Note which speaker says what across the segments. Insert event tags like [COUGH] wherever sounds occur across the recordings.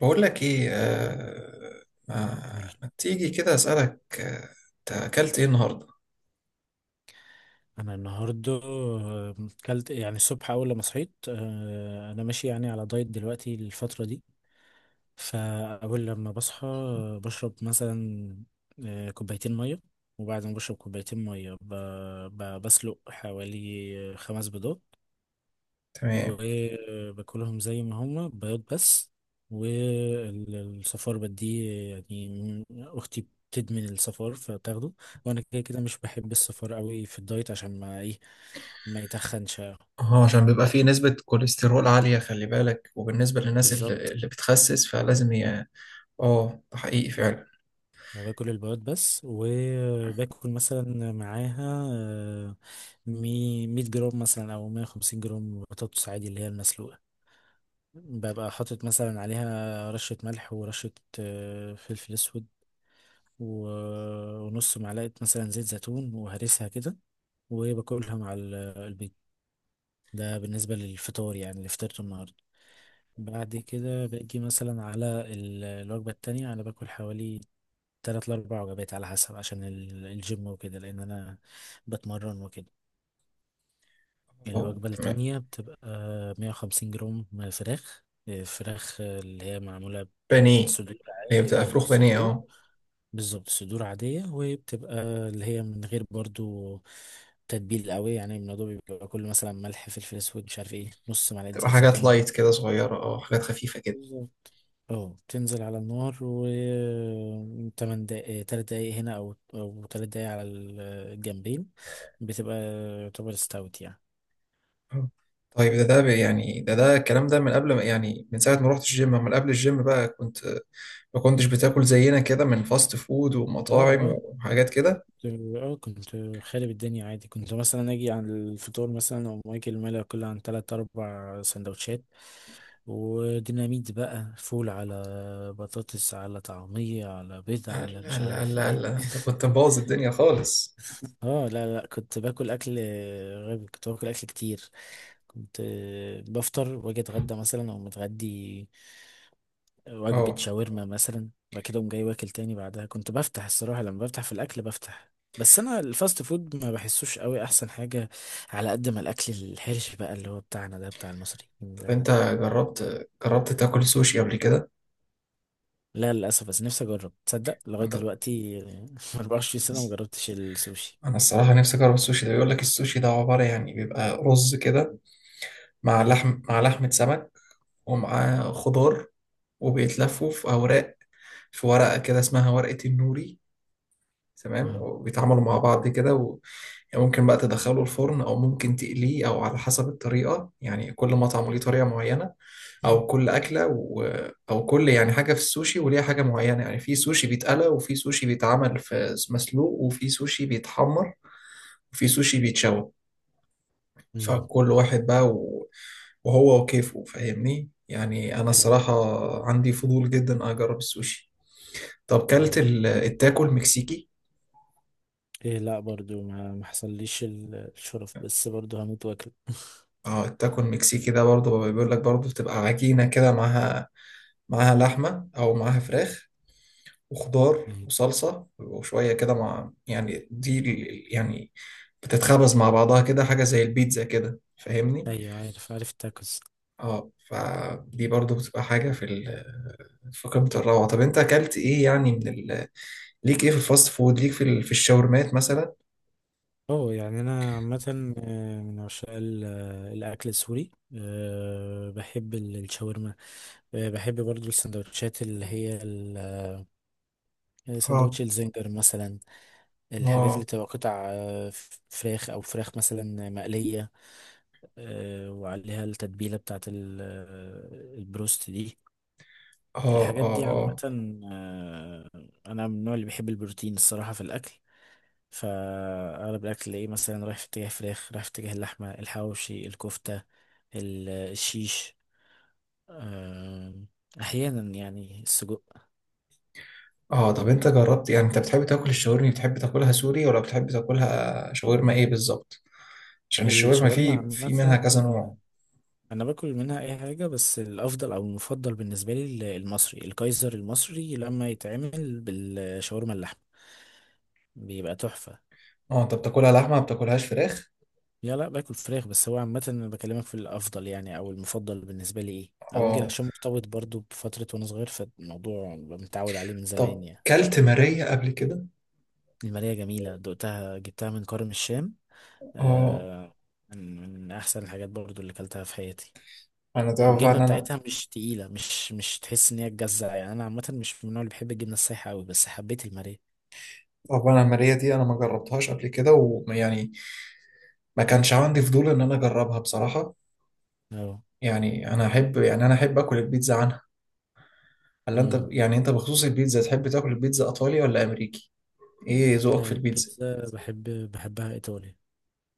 Speaker 1: بقول لك ايه آه ما,
Speaker 2: قولي.
Speaker 1: ما تيجي كده اسالك، انت اكلت ايه النهارده؟
Speaker 2: انا النهارده كلت يعني الصبح اول لما صحيت، انا ماشي يعني على دايت دلوقتي الفتره دي. فاول لما بصحى بشرب مثلا كوبايتين ميه. وبعد ما بشرب كوبايتين ميه بسلق حوالي خمس بيضات
Speaker 1: تمام.
Speaker 2: وباكلهم زي ما هما بياض بس، والصفار بديه يعني اختي بتدمن الصفار فبتاخده. وانا كده كده مش بحب الصفار قوي في الدايت عشان ما ايه، ما يتخنش.
Speaker 1: اه عشان بيبقى فيه نسبة كوليسترول عالية، خلي بالك. وبالنسبة للناس اللي,
Speaker 2: بالظبط.
Speaker 1: اللي بتخسس فلازم ي... اه ده حقيقي فعلا.
Speaker 2: باكل البياض بس، وباكل مثلا معاها، 100 جرام مثلا او 150 جرام بطاطس عادي اللي هي المسلوقة، ببقى حاطط مثلا عليها رشة ملح ورشة فلفل اسود و- ونص معلقة مثلا زيت زيتون، وهرسها كده وباكلها مع البيض. ده بالنسبة للفطار يعني اللي فطرته النهاردة. بعد كده باجي مثلا على الوجبة التانية. أنا باكل حوالي تلات لأربع وجبات على حسب عشان الجيم وكده، لأن أنا بتمرن وكده.
Speaker 1: اه
Speaker 2: الوجبة
Speaker 1: تمام.
Speaker 2: التانية بتبقى 150 جرام فراخ. اللي هي معمولة من
Speaker 1: بانيه.
Speaker 2: صدور
Speaker 1: هي
Speaker 2: عادي.
Speaker 1: بتبقى
Speaker 2: اه، من
Speaker 1: فروخ بانيه،
Speaker 2: الصدور.
Speaker 1: اه.
Speaker 2: بالظبط، صدور عادية. وبتبقى اللي هي من غير برضو تتبيل قوي، يعني الموضوع بيبقى كله مثلا ملح، فلفل اسود، مش عارف ايه، نص معلقة زيت
Speaker 1: بتبقى حاجات
Speaker 2: زيتون.
Speaker 1: لايت كده صغيرة، اه حاجات خفيفة كده.
Speaker 2: بالظبط. اه. تنزل على النار و تمن دقايق، تلات دقايق هنا او تلات دقايق على الجنبين. بتبقى يعتبر استوت يعني.
Speaker 1: آه. طيب ده يعني ده الكلام ده من قبل ما، يعني من ساعة ما رحت الجيم، من قبل الجيم بقى كنت ما كنتش بتاكل زينا كده من فاست فود
Speaker 2: اه،
Speaker 1: ومطاعم
Speaker 2: اه،
Speaker 1: وحاجات كده؟
Speaker 2: اه، كنت خارب الدنيا عادي، كنت مثلا اجي على الفطور مثلا او اكل ملا كل عن تلات اربع سندوتشات وديناميت بقى، فول على بطاطس على طعمية على بيض على
Speaker 1: لا
Speaker 2: مش
Speaker 1: لا
Speaker 2: عارف
Speaker 1: لا
Speaker 2: ايه.
Speaker 1: لا، انت كنت
Speaker 2: [LAUGHS]
Speaker 1: مبوظ الدنيا خالص.
Speaker 2: اه، لا، لا، كنت باكل اكل غبي، كنت باكل اكل كتير. كنت بفطر واجي اتغدى مثلا او متغدي وجبة
Speaker 1: اه
Speaker 2: شاورما مثلا، وبعد كده أقوم جاي واكل تاني بعدها. كنت بفتح، الصراحة لما بفتح في الأكل بفتح. بس أنا الفاست فود ما بحسوش قوي أحسن حاجة على قد ما الأكل الحرش بقى اللي هو بتاعنا ده بتاع المصريين.
Speaker 1: طب انت
Speaker 2: ده.
Speaker 1: جربت تاكل سوشي قبل كده؟
Speaker 2: لا للأسف، بس نفسي أجرب، تصدق لغاية
Speaker 1: انت،
Speaker 2: دلوقتي [LAUGHS] 24 سنة مجربتش السوشي.
Speaker 1: انا الصراحه نفسي اجرب السوشي ده. بيقول لك السوشي ده عباره يعني بيبقى رز كده مع
Speaker 2: أيوة.
Speaker 1: لحم، مع لحمه سمك ومعاه خضار، وبيتلفوا في اوراق، في ورقه كده اسمها ورقه النوري. تمام،
Speaker 2: أهو.
Speaker 1: وبيتعاملوا مع بعض كده. يعني ممكن بقى تدخله الفرن او ممكن تقليه او على حسب الطريقه، يعني كل مطعم ليه طريقه معينه، او كل اكله و... او كل يعني حاجه في السوشي وليها حاجه معينه. يعني في سوشي بيتقلى وفي سوشي بيتعمل في مسلوق وفي سوشي بيتحمر وفي سوشي بيتشوى.
Speaker 2: أمم.
Speaker 1: فكل واحد بقى و... وهو وكيفه، فاهمني؟ يعني انا
Speaker 2: أيوة.
Speaker 1: الصراحه عندي فضول جدا اجرب السوشي. طب كلت
Speaker 2: ده.
Speaker 1: ال- التاكو المكسيكي؟
Speaker 2: إيه، لا برضو ما حصليش الشرف، بس برضو هموت واكل. [LAUGHS]
Speaker 1: اه التاكو المكسيكي ده برضه بيقول لك برضه بتبقى عجينة كده معاها لحمة أو معاها فراخ وخضار
Speaker 2: أيوة،
Speaker 1: وصلصة وشوية كده مع، يعني دي ال- يعني بتتخبز مع بعضها كده، حاجة زي البيتزا كده فاهمني؟
Speaker 2: أيوة، عارف عارف التاكوز.
Speaker 1: اه فدي برضو بتبقى حاجة في ال في قمة الروعة. طب أنت أكلت إيه يعني من ال ليك إيه في الفاست فود؟ ليك في ال في الشاورمات مثلا؟
Speaker 2: اه، يعني انا عامه، من عشاق الاكل السوري. بحب الشاورما. بحب برضو السندوتشات اللي هي
Speaker 1: اه
Speaker 2: سندوتش الزنجر مثلا. الحاجات اللي
Speaker 1: اه
Speaker 2: بتبقى قطع، فراخ او فراخ مثلا مقليه، وعليها التتبيله بتاعت البروست دي.
Speaker 1: اه
Speaker 2: الحاجات
Speaker 1: اه
Speaker 2: دي عامه
Speaker 1: اه
Speaker 2: آه، انا من النوع اللي بيحب البروتين الصراحه في الاكل، فأغلب الأكل تلاقيه مثلا رايح في اتجاه فراخ، رايح في اتجاه اللحمة، الحواوشي، الكفتة، الشيش، آم، أحيانا يعني السجق.
Speaker 1: اه. طب انت جربت، يعني انت بتحب تاكل الشاورما، بتحب تاكلها سوري ولا بتحب تاكلها شاورما ايه بالظبط؟ عشان الشاورما
Speaker 2: الشاورما
Speaker 1: في منها
Speaker 2: عامة
Speaker 1: كذا نوع.
Speaker 2: أنا باكل منها أي حاجة، بس الأفضل أو المفضل بالنسبة لي المصري، الكايزر المصري لما يتعمل بالشاورما اللحمة بيبقى تحفة.
Speaker 1: اه انت بتاكلها لحمه، ما بتاكلهاش فراخ؟
Speaker 2: لا، لا، باكل فراخ، بس هو عامة أنا بكلمك في الأفضل يعني أو المفضل بالنسبة لي إيه. أو يمكن
Speaker 1: اه
Speaker 2: عشان مرتبط برضو بفترة وأنا صغير، فالموضوع متعود عليه من
Speaker 1: طب
Speaker 2: زمان يعني.
Speaker 1: كلت ماريه قبل كده؟
Speaker 2: المالية جميلة دقتها، جبتها من كرم الشام.
Speaker 1: اه.
Speaker 2: آه. من أحسن الحاجات برضو اللي أكلتها في حياتي.
Speaker 1: انا طبعا
Speaker 2: والجبنة
Speaker 1: انا
Speaker 2: بتاعتها مش تقيلة، مش تحس إن هي تجزع. يعني أنا عامة مش من النوع اللي بحب الجبنة السايحة أوي، بس حبيت المالية.
Speaker 1: طبعا الماريه دي انا ما جربتهاش قبل كده، ويعني ما كانش عندي فضول ان انا اجربها بصراحه.
Speaker 2: أه.
Speaker 1: يعني انا احب، يعني انا احب اكل البيتزا عنها. هل انت،
Speaker 2: أمم.
Speaker 1: يعني انت بخصوص البيتزا تحب تاكل البيتزا ايطالي ولا امريكي؟ ايه
Speaker 2: لا.
Speaker 1: ذوقك
Speaker 2: مم.
Speaker 1: في البيتزا؟
Speaker 2: البيتزا بحب، بحبها إيطالي.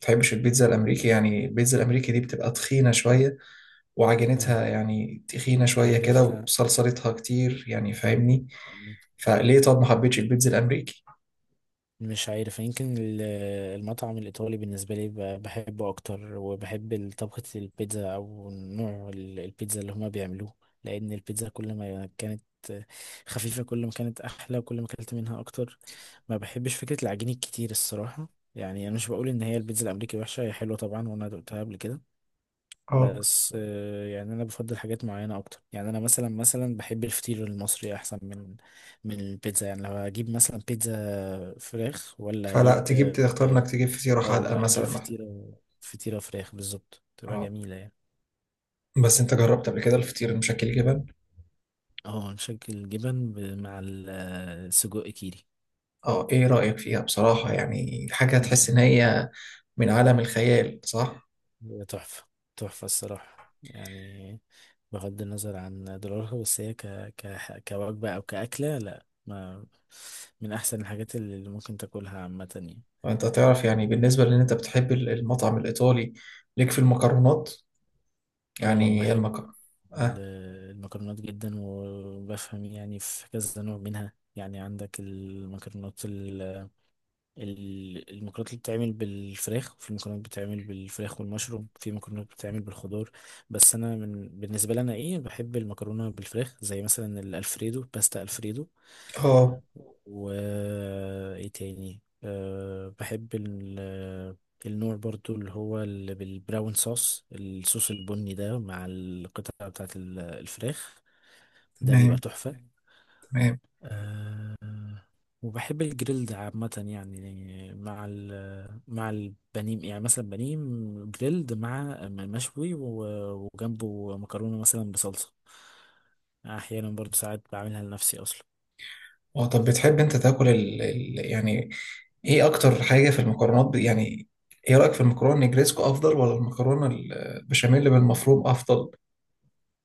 Speaker 1: تحبش البيتزا الامريكي؟ يعني البيتزا الامريكي دي بتبقى تخينه شويه،
Speaker 2: أي،
Speaker 1: وعجينتها يعني تخينه شويه كده
Speaker 2: عارف.
Speaker 1: وصلصلتها كتير يعني، فاهمني؟ فليه طب ما حبيتش البيتزا الامريكي؟
Speaker 2: مش عارف، يمكن المطعم الإيطالي بالنسبة لي بحبه أكتر، وبحب طبخة البيتزا أو نوع البيتزا اللي هما بيعملوه، لأن البيتزا كل ما كانت خفيفة كل ما كانت أحلى، وكل ما أكلت منها أكتر. ما بحبش فكرة العجين الكتير الصراحة. يعني أنا مش بقول إن هي البيتزا الأمريكي وحشة، هي حلوة طبعا وأنا دقتها قبل كده،
Speaker 1: اه
Speaker 2: بس يعني انا بفضل حاجات معينه اكتر، يعني انا مثلا بحب الفطير المصري احسن من البيتزا. يعني لو هجيب مثلا بيتزا فراخ ولا
Speaker 1: فلا
Speaker 2: اجيب،
Speaker 1: تجيب، تختار
Speaker 2: اه،
Speaker 1: انك تجيب فطيره
Speaker 2: أو
Speaker 1: حادقه
Speaker 2: لا اجيب
Speaker 1: مثلا.
Speaker 2: فطيره فراخ بالظبط، تبقى
Speaker 1: اه
Speaker 2: جميله يعني.
Speaker 1: بس انت جربت قبل كده الفطير المشكل جبن؟
Speaker 2: اه، نشكل الجبن مع السجق كيري.
Speaker 1: اه ايه رايك فيها بصراحه، يعني حاجه تحس ان
Speaker 2: [LAUGHS]
Speaker 1: هي من عالم الخيال، صح؟
Speaker 2: هي تحفة، تحفة الصراحة يعني، بغض النظر عن دولارها، بس هي كوجبة أو كأكلة، لا، ما، من أحسن الحاجات اللي ممكن تاكلها عامة يعني.
Speaker 1: وانت تعرف يعني بالنسبه لان انت بتحب المطعم الايطالي، ليك في المكرونات،
Speaker 2: اه،
Speaker 1: يعني
Speaker 2: بحب
Speaker 1: المكرونه؟
Speaker 2: ال-
Speaker 1: اه
Speaker 2: المكرونات جدا، وبفهم يعني في كذا نوع منها. يعني عندك المكرونات، المكرونات اللي بتتعمل بالفراخ، وفي مكرونات بتتعمل بالفراخ والمشروم، في مكرونات بتتعمل بالخضار. بس انا من، بالنسبه لي انا ايه، بحب المكرونه بالفراخ زي مثلا الالفريدو، باستا الفريدو،
Speaker 1: آه،
Speaker 2: و ايه تاني، أه بحب النوع برضو اللي هو بالبراون صوص، الصوص البني ده، مع القطعه بتاعت الفراخ. ده بيبقى
Speaker 1: تمام
Speaker 2: تحفه.
Speaker 1: تمام.
Speaker 2: آه. وبحب الجريلد عامة يعني، مع مع البانيه. يعني مثلا بانيه جريلد مع مشوي وجنبه مكرونة مثلا بصلصة. أحيانا برضو ساعات بعملها لنفسي أصلا.
Speaker 1: اه طب بتحب انت تاكل ال... ال... يعني ايه اكتر حاجه في المكرونات ب... يعني ايه رايك في المكرونه النجريسكو افضل ولا المكرونه البشاميل بالمفروم افضل؟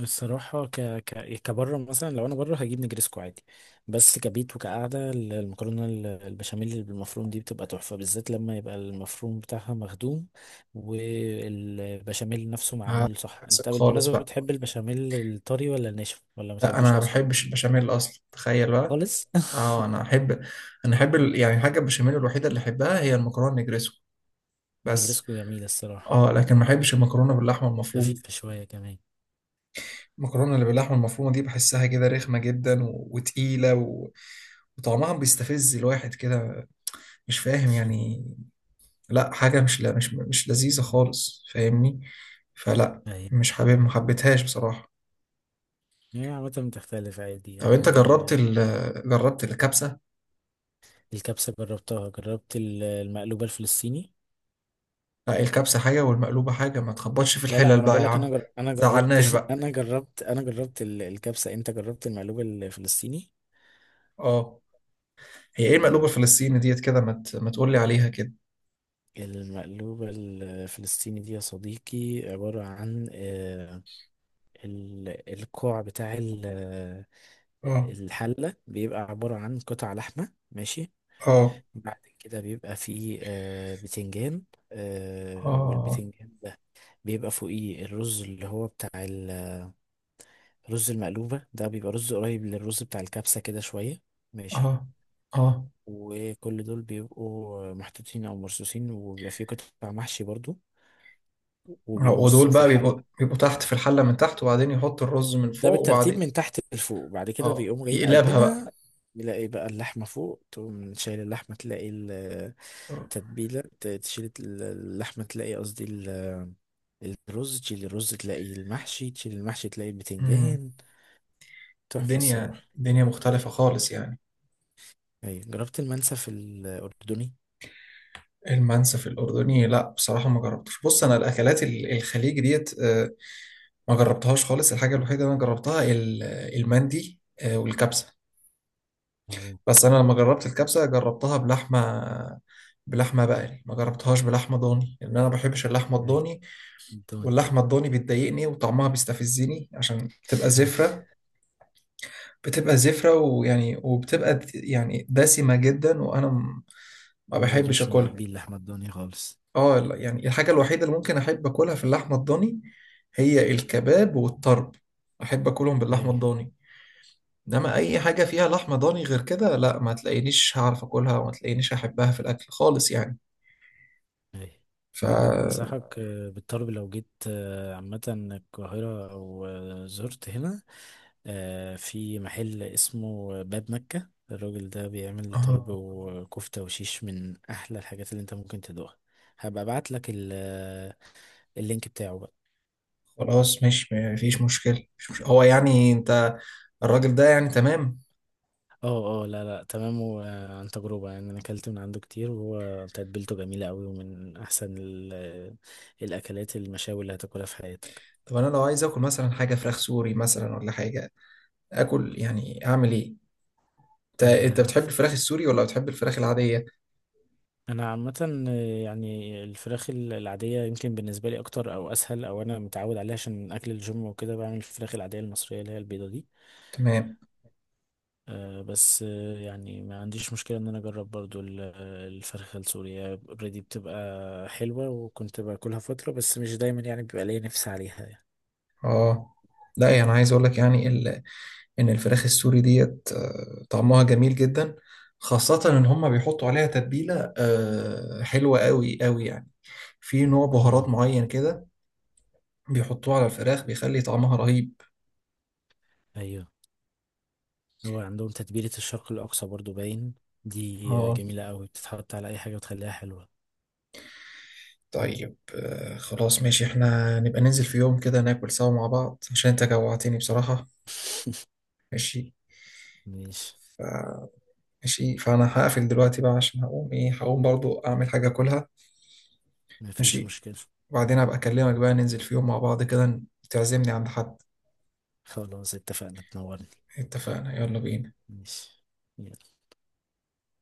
Speaker 2: الصراحة كبره مثلا، لو انا بره هجيب نجرسكو عادي، بس كبيت وكقعدة المكرونة البشاميل اللي بالمفروم دي بتبقى تحفة، بالذات لما يبقى المفروم بتاعها مخدوم والبشاميل نفسه
Speaker 1: آه،
Speaker 2: معمول صح.
Speaker 1: عكسك
Speaker 2: انت
Speaker 1: خالص
Speaker 2: بالمناسبة
Speaker 1: بقى.
Speaker 2: بتحب البشاميل الطري ولا الناشف ولا ما
Speaker 1: لا انا
Speaker 2: بتحبوش
Speaker 1: ما
Speaker 2: اصلا؟
Speaker 1: بحبش البشاميل اصلا، تخيل بقى.
Speaker 2: خالص. [LAUGHS]
Speaker 1: اه انا احب ال... يعني الحاجه البشاميل الوحيده اللي احبها هي المكرونه النجريسكو بس.
Speaker 2: النجرسكو جميلة الصراحة.
Speaker 1: اه لكن ما احبش المكرونه باللحمه المفرومه.
Speaker 2: خفيفة شوية كمان.
Speaker 1: المكرونه اللي باللحمه المفرومه دي بحسها كده رخمه جدا و... وتقيله و... وطعمها بيستفز الواحد كده، مش فاهم
Speaker 2: [LAUGHS]
Speaker 1: يعني. لا حاجة مش، لا مش مش لذيذة خالص فاهمني، فلا
Speaker 2: ايوه،
Speaker 1: مش حابب، ما حبيتهاش بصراحة.
Speaker 2: هي عامة بتختلف عادي
Speaker 1: طب انت جربت
Speaker 2: يعني.
Speaker 1: ال جربت الكبسة؟
Speaker 2: الكبسة جربتها، جربت المقلوبة الفلسطيني.
Speaker 1: لا إيه، الكبسة حاجة والمقلوبة حاجة، ما تخبطش في
Speaker 2: لا، لا،
Speaker 1: الحلل
Speaker 2: ما انا
Speaker 1: بقى
Speaker 2: بقول
Speaker 1: يا
Speaker 2: لك انا
Speaker 1: عم.
Speaker 2: انا جربت،
Speaker 1: زعلناش
Speaker 2: [LAUGHS]
Speaker 1: بقى.
Speaker 2: انا جربت الكبسه، انت جربت المقلوب الفلسطيني؟
Speaker 1: اه هي ايه المقلوبة
Speaker 2: مم.
Speaker 1: الفلسطيني ديت كده، ما ت- ما تقولي عليها كده.
Speaker 2: المقلوبة الفلسطيني دي يا صديقي عبارة عن الكوع بتاع
Speaker 1: اه
Speaker 2: الحلة، بيبقى عبارة عن قطع لحمة ماشي.
Speaker 1: اه
Speaker 2: بعد كده بيبقى فيه بتنجان،
Speaker 1: اه
Speaker 2: والبتنجان ده بيبقى فوقيه الرز اللي هو بتاع، رز المقلوبة ده بيبقى رز قريب للرز بتاع الكبسة كده شوية، ماشي.
Speaker 1: اه اه.
Speaker 2: وكل دول بيبقوا محطوطين أو مرصوصين، وبيبقى فيه قطع محشي برضو،
Speaker 1: آه.
Speaker 2: وبيبقوا
Speaker 1: ودول
Speaker 2: مرصوصين في
Speaker 1: بقى
Speaker 2: الحلة.
Speaker 1: بيبقوا تحت في الحلة من تحت، وبعدين يحط الرز من
Speaker 2: ده
Speaker 1: فوق
Speaker 2: بالترتيب
Speaker 1: وبعدين
Speaker 2: من تحت لفوق. بعد كده
Speaker 1: اه
Speaker 2: بيقوموا جايين
Speaker 1: يقلبها
Speaker 2: قلبينها، بيلاقي بقى اللحمة فوق، تقوم شايل اللحمة تلاقي
Speaker 1: بقى.
Speaker 2: التتبيلة، تشيل اللحمة تلاقي قصدي الرز، تشيل الرز تلاقي المحشي، تشيل المحشي تلاقي البتنجان. تحفة
Speaker 1: الدنيا
Speaker 2: الصراحة.
Speaker 1: الدنيا مختلفة خالص يعني.
Speaker 2: أيوة، جربت المنسف الأردني؟
Speaker 1: المنسف الأردني، لا بصراحة ما جربتش. بص أنا الأكلات ال- الخليج ديت آه، ما جربتهاش خالص. الحاجة الوحيدة اللي أنا جربتها ال- المندي آه، والكبسة
Speaker 2: اهو.
Speaker 1: بس. أنا لما جربت الكبسة جربتها بلحمة، بلحمة بقري، ما جربتهاش بلحمة ضاني لأن أنا ما بحبش اللحمة
Speaker 2: اي.
Speaker 1: الضاني.
Speaker 2: الدنيا.
Speaker 1: واللحمة الضاني بتضايقني وطعمها بيستفزني عشان بتبقى
Speaker 2: اي.
Speaker 1: زفرة، بتبقى زفرة ويعني وبتبقى يعني دسمة جدا، وأنا م- ما
Speaker 2: انا برضو
Speaker 1: بحبش
Speaker 2: مش من
Speaker 1: أكلها.
Speaker 2: محبين لحمة الدنيا خالص.
Speaker 1: اه لا، يعني الحاجة الوحيدة اللي ممكن أحب أكلها في اللحمة الضاني هي الكباب والطرب، أحب أكلهم
Speaker 2: اي.
Speaker 1: باللحمة الضاني. إنما أي حاجة فيها لحمة ضاني غير كده، لا ما تلاقينيش هعرف أكلها وما تلاقينيش أحبها في الأكل خالص يعني.
Speaker 2: اي.
Speaker 1: ف
Speaker 2: انصحك بالطلب، لو جيت عامة القاهرة او زرت هنا، في محل اسمه باب مكة. الراجل ده بيعمل طرب
Speaker 1: آه،
Speaker 2: وكفتة وشيش من احلى الحاجات اللي انت ممكن تدوقها. هبقى ابعت لك اللينك بتاعه.
Speaker 1: خلاص مش مفيش مشكلة، مش مش... هو يعني أنت الراجل ده يعني تمام؟
Speaker 2: اه، اه، لا، لا تمام، وعن تجربة يعني انا اكلت من عنده كتير، وهو تتبيلته جميلة قوي، ومن احسن الاكلات المشاوي اللي هتاكلها في حياتك.
Speaker 1: طب أنا لو عايز آكل مثلا حاجة فراخ سوري مثلا ولا حاجة آكل، يعني أعمل إيه؟ أنت أنت
Speaker 2: آه،
Speaker 1: بتحب الفراخ السوري ولا بتحب الفراخ العادية؟
Speaker 2: انا عامة، يعني الفراخ العادية يمكن بالنسبة لي اكتر او اسهل، او انا متعود عليها عشان اكل الجيم وكده، بعمل الفراخ العادية المصرية اللي هي البيضة دي
Speaker 1: تمام.
Speaker 2: آه، بس يعني ما عنديش مشكلة ان انا اجرب برضو الفرخة السورية. اوريدي بتبقى حلوة، وكنت باكلها فترة بس مش دايما، يعني بيبقى ليا نفسي عليها
Speaker 1: اه لا يعني عايز اقول لك يعني ال... ان الفراخ السوري ديت آه، طعمها جميل جدا، خاصة ان هم بيحطوا عليها تتبيلة آه، حلوة قوي قوي يعني. في نوع بهارات
Speaker 2: يعني.
Speaker 1: معين كده بيحطوه على الفراخ بيخلي طعمها رهيب.
Speaker 2: ايوه، هو عندهم تتبيلة الشرق الأقصى برضو باين، دي
Speaker 1: اه
Speaker 2: جميلة قوي، بتتحط على أي حاجة وتخليها حلوة.
Speaker 1: طيب آه، خلاص ماشي، احنا نبقى ننزل في يوم كده ناكل سوا مع بعض، عشان انت جوعتني بصراحة. ماشي.
Speaker 2: [LAUGHS] ماشي.
Speaker 1: ف... ماشي فانا هقفل دلوقتي بقى، عشان هقوم ايه هقوم برضو اعمل حاجة اكلها.
Speaker 2: مفيش
Speaker 1: ماشي.
Speaker 2: مشكلة.
Speaker 1: وبعدين أبقى أكلمك بقى، ننزل في يوم مع بعض كده، تعزمني عند حد.
Speaker 2: خلاص اتفقنا، تنورني.
Speaker 1: اتفقنا يلا بينا.
Speaker 2: ماشي.